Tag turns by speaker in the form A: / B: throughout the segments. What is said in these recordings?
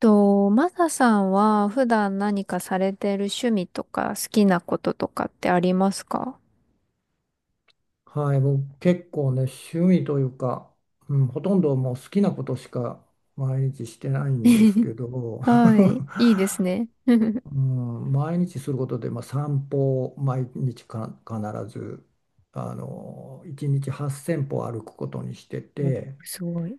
A: と、マサさんは普段何かされてる趣味とか好きなこととかってありますか？
B: はい、僕結構ね、趣味というか、うん、ほとんどもう好きなことしか毎日してないんですけ ど、
A: はい。いいですね。
B: うん、毎日することで、まあ、散歩を毎日か必ず、1日8000歩歩くことにして
A: お、
B: て、
A: すごい。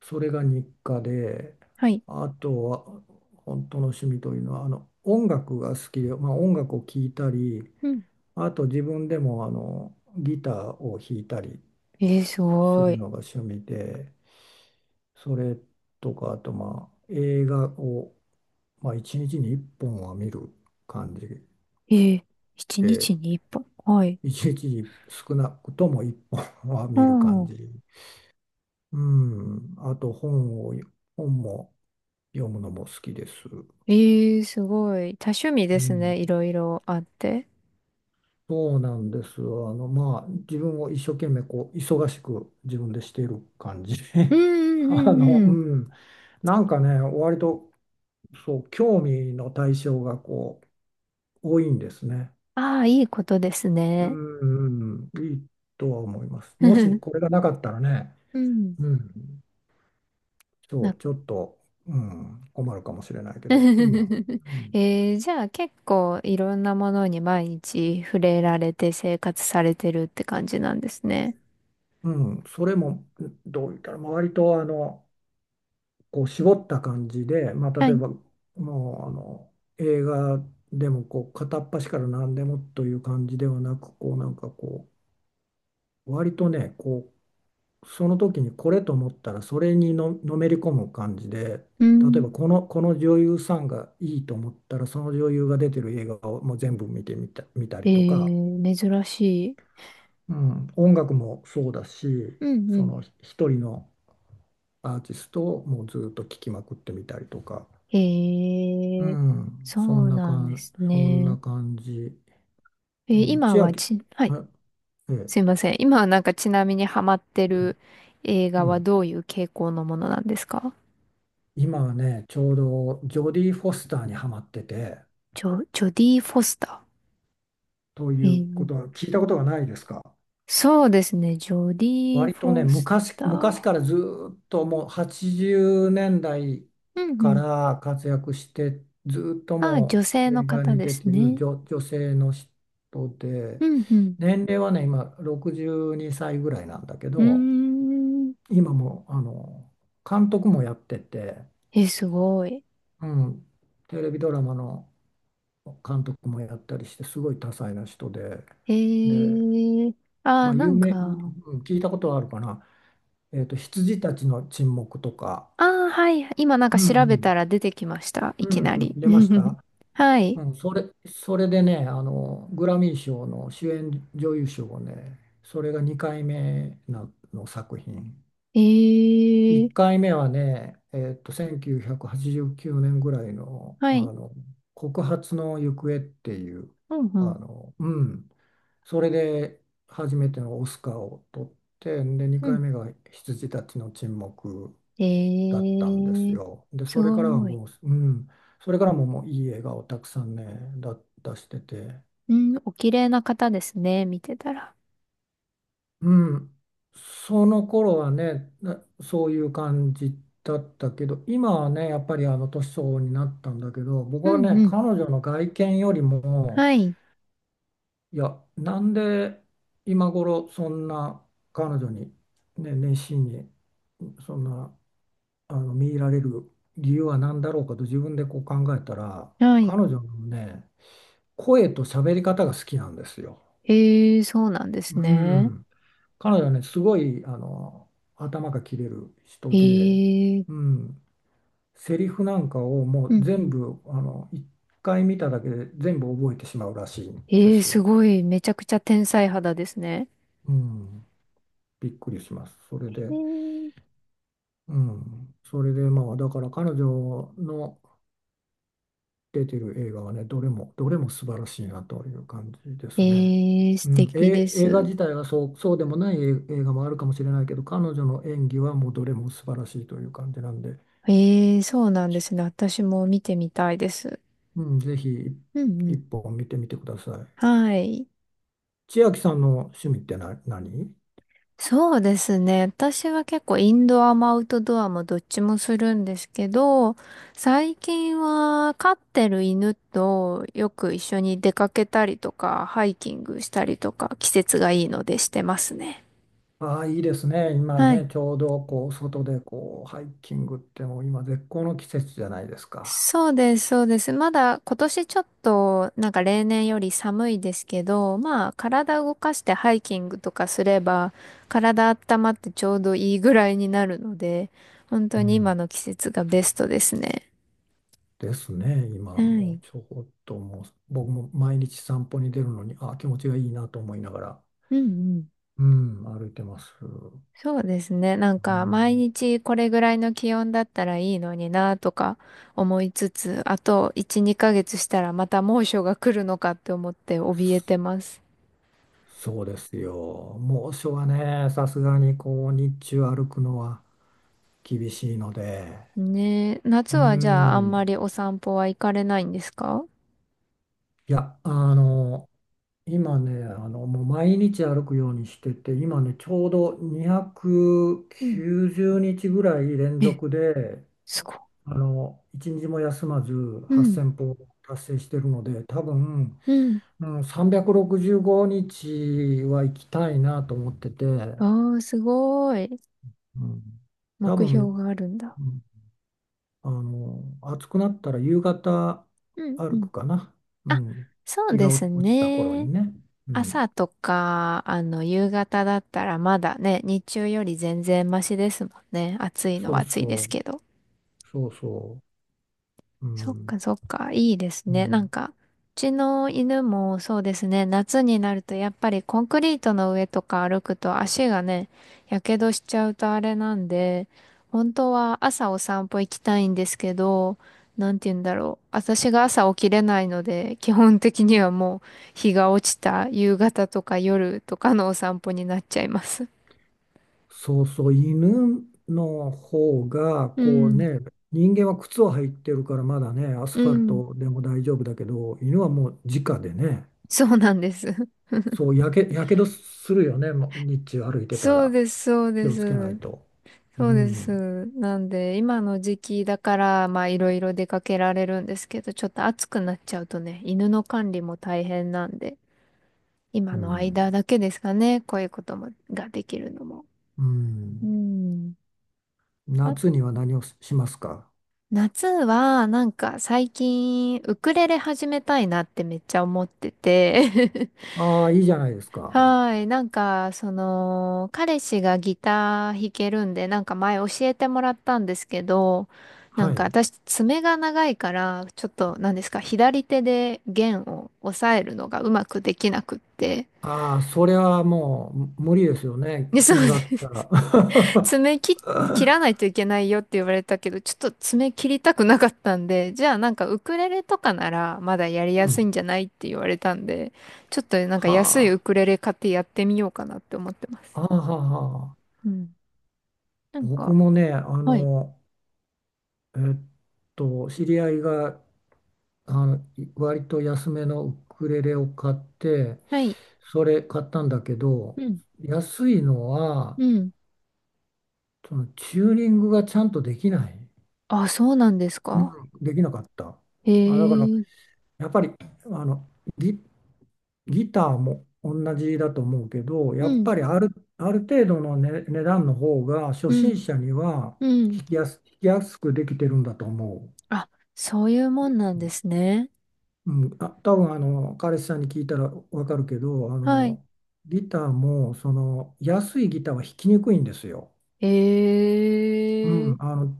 B: それが日課で、
A: はい。
B: あとは本当の趣味というのは、音楽が好きで、まあ、音楽を聴いたり、
A: うん。
B: あと自分でもギターを弾いたり
A: えー、す
B: す
A: ご
B: る
A: い。
B: のが趣味で、それとか、あとまあ映画を、まあ、1日に1本は見る感じ
A: えー、一日
B: で、
A: に一本。はい。
B: 1日にちに少なくとも1本は
A: う
B: 見る感
A: ん。
B: じ。うん、あと本を、本も読むのも好きです。
A: えー、すごい。多趣味で
B: う
A: す
B: ん、
A: ね。いろいろあって。
B: そうなんです。まあ、自分を一生懸命こう忙しく自分でしている感じ。
A: う んう
B: あ
A: んう
B: の、
A: んうん。
B: うん、なんかね、割とそう、興味の対象がこう多いんですね。
A: ああ、いいことです
B: う
A: ね。
B: ん、うん、いいとは思います。もし これがなかったらね、
A: うん。
B: うん、そ
A: なん
B: う、ちょっと、うん、困るかもしれないけど、今、
A: じゃあ結構いろんなものに毎日触れられて生活されてるって感じなんですね。
B: うん。うん、それもどう言ったら、まあ割とこう絞った感じで、まあ、
A: は
B: 例え
A: い。
B: ばもう映画でもこう片っ端から何でもという感じではなく、こうなんかこう、割とね、こうその時にこれと思ったらそれのめり込む感じで、
A: う
B: 例えば
A: ん。
B: この女優さんがいいと思ったらその女優が出てる映画をもう全部見た
A: え
B: りとか、
A: ー、珍しい。
B: うん、音楽もそうだし、
A: うん
B: そ
A: う
B: の一人のアーティストをもうずっと聴きまくってみたりとか、
A: ん。
B: う
A: えー、
B: ん、
A: そうなんです
B: そんな
A: ね。
B: 感じ、
A: え
B: う
A: ー
B: ん、
A: 今
B: 千
A: は
B: 秋、
A: ち、はい。
B: あええ
A: すいません。今はなんかちなみにハマって
B: うん、
A: る映
B: う
A: 画は
B: ん、
A: どういう傾向のものなんですか？
B: 今はねちょうどジョディ・フォスターにハマってて。
A: ジョディ・フォスタ
B: と
A: ー。
B: いうことは聞いたことがないですか？
A: そうですね。ジョディ・
B: 割と
A: フ
B: ね、
A: ォスタ
B: 昔から
A: ー。
B: ずーっともう80年代
A: うんう
B: か
A: ん。
B: ら活躍して、ずーっと
A: あ、女
B: も
A: 性
B: う
A: の
B: 映画
A: 方
B: に
A: で
B: 出
A: す
B: てる
A: ね。
B: 女性の人
A: う
B: で、
A: ん、うん。
B: 年齢はね、今62歳ぐらいなんだけ
A: うー
B: ど、
A: ん。
B: 今も監督もやってて、
A: え、すごい。
B: うん、テレビドラマの監督もやったりして、すごい多彩な人で、
A: え
B: で、
A: ー、あ
B: まあ、
A: ー、なんか、
B: うん、聞いたことはあるかな。羊たちの沈黙とか、
A: あー、はい。今なんか
B: うん
A: 調
B: う
A: べ
B: ん。
A: たら出てきました。い
B: う
A: きな
B: んう
A: り。
B: ん。出まし た。
A: はい。
B: うん、それでね、グラミー賞の主演女優賞をね、それが2回目なの作品。
A: えー、
B: 1回目はね、1989年ぐらいの、
A: はい。
B: 告発の行方っていう、
A: うん、う
B: あ
A: ん。
B: の、うん、それで初めてのオスカーを取って、で、
A: う
B: 2回
A: ん。
B: 目が羊たちの沈黙だっ
A: え
B: たんです
A: ー、
B: よ。で、
A: す
B: それからは
A: ごい。
B: もう、うん、それからももういい映画をたくさんね、出してて、
A: うん、お綺麗な方ですね。見てたら。
B: うん、その頃はね、そういう感じだったけど、今はね、やっぱり年相応になったんだけど、僕
A: う
B: は
A: ん、
B: ね、
A: うん。
B: 彼女の外見よりも、
A: はい。
B: いや、なんで今頃そんな彼女に、ね、熱心に、そんな、見入られる理由は何だろうかと自分でこう考えたら、
A: はい。
B: 彼女のね、声と喋り方が好きなんですよ。
A: えー、そうなんです
B: う
A: ね。
B: ん。彼女はね、すごい、頭が切れる人で、
A: え
B: う
A: ー、
B: ん。セリフなんかをも
A: う
B: う
A: ん、う
B: 全
A: ん。
B: 部、一回見ただけで全部覚えてしまうらしいんで
A: ええ、
B: す。
A: すごい、めちゃくちゃ天才肌ですね。
B: うん。びっくりします。それ
A: へ
B: で、
A: ー。
B: うん。それで、まあ、だから彼女の、出てる映画はね、どれも素晴らしいなという感じですね。
A: ええ、素
B: うん、
A: 敵で
B: え、映画
A: す。
B: 自体はそうでもない映画もあるかもしれないけど、彼女の演技はもうどれも素晴らしいという感じなんで、
A: ええ、そうなんですね。私も見てみたいです。
B: うん、ぜひ
A: うんう
B: 一
A: ん。
B: 本見てみてください。
A: はい。
B: 千秋さんの趣味って何？
A: そうですね。私は結構インドアもアウトドアもどっちもするんですけど、最近は飼ってる犬とよく一緒に出かけたりとか、ハイキングしたりとか、季節がいいのでしてますね。
B: ああ、いいですね。今
A: はい。
B: ね、ちょうどこう外でこうハイキングってもう今絶好の季節じゃないですか？
A: そうです、そうです。まだ今年ちょっとなんか例年より寒いですけど、まあ体動かしてハイキングとかすれば体温まってちょうどいいぐらいになるので、本
B: う
A: 当に今
B: ん、
A: の季節がベストですね。
B: ですね、今
A: は
B: も
A: い。
B: ちょっともう、僕も毎日散歩に出るのに、あ、気持ちがいいなと思いながら、
A: うんうん。
B: うん、歩いてます。う
A: そうですね。なんか毎
B: ん、
A: 日これぐらいの気温だったらいいのになとか思いつつ、あと1、2ヶ月したらまた猛暑が来るのかって思って怯えてます。
B: そうですよ。猛暑はね、さすがにこう、日中歩くのは厳しいので、
A: ねえ、
B: う
A: 夏はじゃああんま
B: ん、
A: りお散歩は行かれないんですか？
B: いや、今ね、もう毎日歩くようにしてて、今ね、ちょうど
A: うん。
B: 290日ぐらい連
A: え、
B: 続で、
A: すごい。
B: 一日も休まず
A: うん、
B: 8000歩達成してるので多分、
A: うん。
B: うん、365日は行きたいなと思ってて、う
A: ああ、すごい。
B: ん。多
A: 目標
B: 分、
A: があるんだ。
B: うん、暑くなったら夕方
A: うんう
B: 歩
A: ん。
B: くかな、う
A: あ、
B: ん、
A: そう
B: 日
A: で
B: が
A: す
B: 落ちた頃
A: ね。
B: にね、うん、
A: 朝とか、夕方だったらまだね、日中より全然マシですもんね。暑いの
B: そ
A: は
B: う
A: 暑いで
B: そ
A: す
B: う
A: けど。
B: そうそう、う
A: そっ
B: ん
A: かそっか、いいです
B: う
A: ね。なん
B: ん、
A: か、うちの犬もそうですね、夏になるとやっぱりコンクリートの上とか歩くと足がね、やけどしちゃうとあれなんで、本当は朝お散歩行きたいんですけど、なんて言うんだろう。私が朝起きれないので、基本的にはもう日が落ちた夕方とか夜とかのお散歩になっちゃいます。
B: そうそう、犬の方が、
A: う
B: こう
A: ん、
B: ね、人間は靴を履いてるからまだね、アス
A: う
B: ファル
A: ん、
B: トでも大丈夫だけど、犬はもう直でね、
A: そうなんです。
B: そう、やけどするよね、もう日中歩いてた
A: そう
B: ら。
A: です、そう
B: 気
A: で
B: をつけない
A: す。
B: と。う
A: そうで
B: ん、
A: す。なんで、今の時期だから、まあ、いろいろ出かけられるんですけど、ちょっと暑くなっちゃうとね、犬の管理も大変なんで、今
B: う
A: の
B: ん。
A: 間だけですかね、こういうことも、ができるのも。
B: う
A: う
B: ん。
A: ん。あ、
B: 夏には何をしますか？
A: 夏は、なんか最近、ウクレレ始めたいなってめっちゃ思ってて、
B: ああ、いいじゃないですか。
A: はーい。なんか、彼氏がギター弾けるんで、なんか前教えてもらったんですけど、な
B: は
A: んか
B: い。
A: 私、爪が長いから、ちょっと、なんですか、左手で弦を押さえるのがうまくできなくって。
B: ああ、それはもう無理ですよね、
A: で、そう
B: 爪があっ
A: です。
B: たら。
A: 爪切、切らないといけないよって言われたけど、ちょっと爪切りたくなかったんで、じゃあなんかウクレレとかならまだやり
B: う
A: やすい
B: ん。
A: んじゃないって言われたんで、ちょっとなんか
B: は
A: 安いウク
B: あ。
A: レレ買ってやってみようかなって思ってます。
B: はあはあはあ、
A: うん。なん
B: 僕
A: か、
B: もね、
A: はい。
B: えっ知り合いがあのい割と安めのウクレレを買って、
A: はい。
B: それ買ったんだけど、
A: うん。
B: 安いのは、
A: うん。
B: そのチューニングがちゃんとできない、
A: あ、そうなんです
B: う
A: か？
B: ん、できなかった。
A: へ
B: あ、だから、
A: え。
B: やっぱり、あの、ギギターも同じだと思うけど、
A: う
B: やっ
A: ん。
B: ぱりある程度の、ね、値段の方が初
A: うん。
B: 心者には
A: うん。
B: 弾きやすくできてるんだと思
A: あ、そういうもんなんですね。
B: う。うん、あ、多分彼氏さんに聞いたらわかるけど、
A: はい。
B: ギターも、その安いギターは弾きにくいんですよ。う
A: へえ。
B: ん、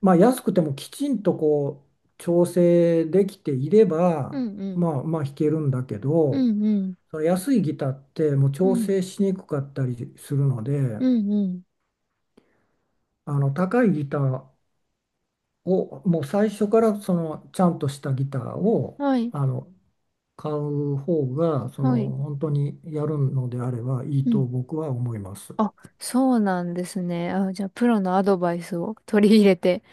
B: まあ、安くてもきちんとこう調整できていれ
A: う
B: ば、
A: んうん。
B: まあ、まあ弾けるんだけ
A: う
B: ど。
A: んうん。
B: その安いギターってもう
A: う
B: 調
A: ん。
B: 整しにくかったりするので、
A: うんうん。
B: 高いギターをもう最初からそのちゃんとしたギターを
A: はい。
B: あの買う方がその
A: はい。
B: 本当にやるのであればい
A: う
B: い
A: ん。
B: と僕は思います。
A: あ、そうなんですね。あ、じゃあ、プロのアドバイスを取り入れて、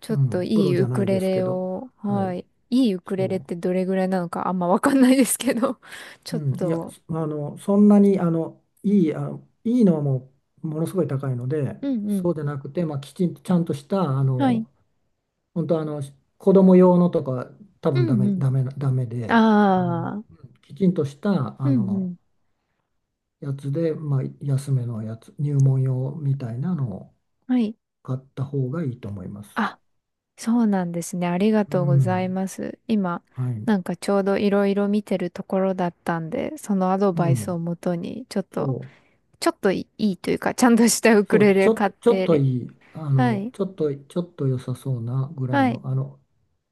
A: ちょ
B: う
A: っと
B: ん、プ
A: いい
B: ロじ
A: ウ
B: ゃな
A: ク
B: いで
A: レ
B: すけ
A: レ
B: ど、
A: を、
B: は
A: は
B: い、
A: い。いいウク
B: そ
A: レレってどれぐらいなのかあんまわかんないですけど、ちょ
B: う、
A: っ
B: うん、いや、
A: と、
B: そんなにいいのはもうものすごい高いので、
A: うんう
B: そ
A: ん。
B: うでなくて、まあ、きちんとちゃんとした
A: はい。
B: 本当子供用のとか多
A: う
B: 分
A: んうん。
B: ダメで、
A: ああ、
B: きちんとした
A: うんうん。
B: やつで、まあ、安めのやつ、入門用みたいなのを
A: はい。
B: 買った方がいいと思います。
A: あ、そうなんですね。ありが
B: う
A: とうござい
B: ん、
A: ます。今、
B: はい、
A: なんかちょうどいろいろ見てるところだったんで、そのアド
B: う
A: バイスを
B: ん、
A: もとに、ちょっと、
B: そ
A: ちょっといいというか、ちゃんとしたウク
B: そ
A: レ
B: う、
A: レ買っ
B: ちょっと
A: て、
B: いい、
A: はい。
B: ちょっと良さそうなぐらい
A: はい。
B: の、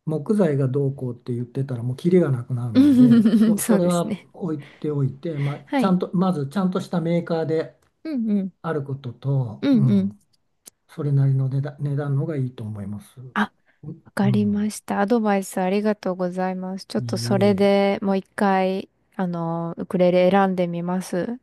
B: 木材がどうこうって言ってたらもうキリがなくなるので、そ
A: そう
B: れ
A: です
B: は
A: ね。
B: 置いておいて、まあ、
A: は
B: ちゃ
A: い。
B: んと、まずちゃんとしたメーカーで
A: うんうん。
B: あることと、
A: う
B: う
A: んうん。
B: ん、それなりの値段、値段のがいいと思います。う
A: あ、わか
B: う
A: りま
B: ん、
A: した。アドバイスありがとうございます。ちょっ
B: い
A: と
B: い
A: それ
B: え。
A: でもう一回、ウクレレ選んでみます。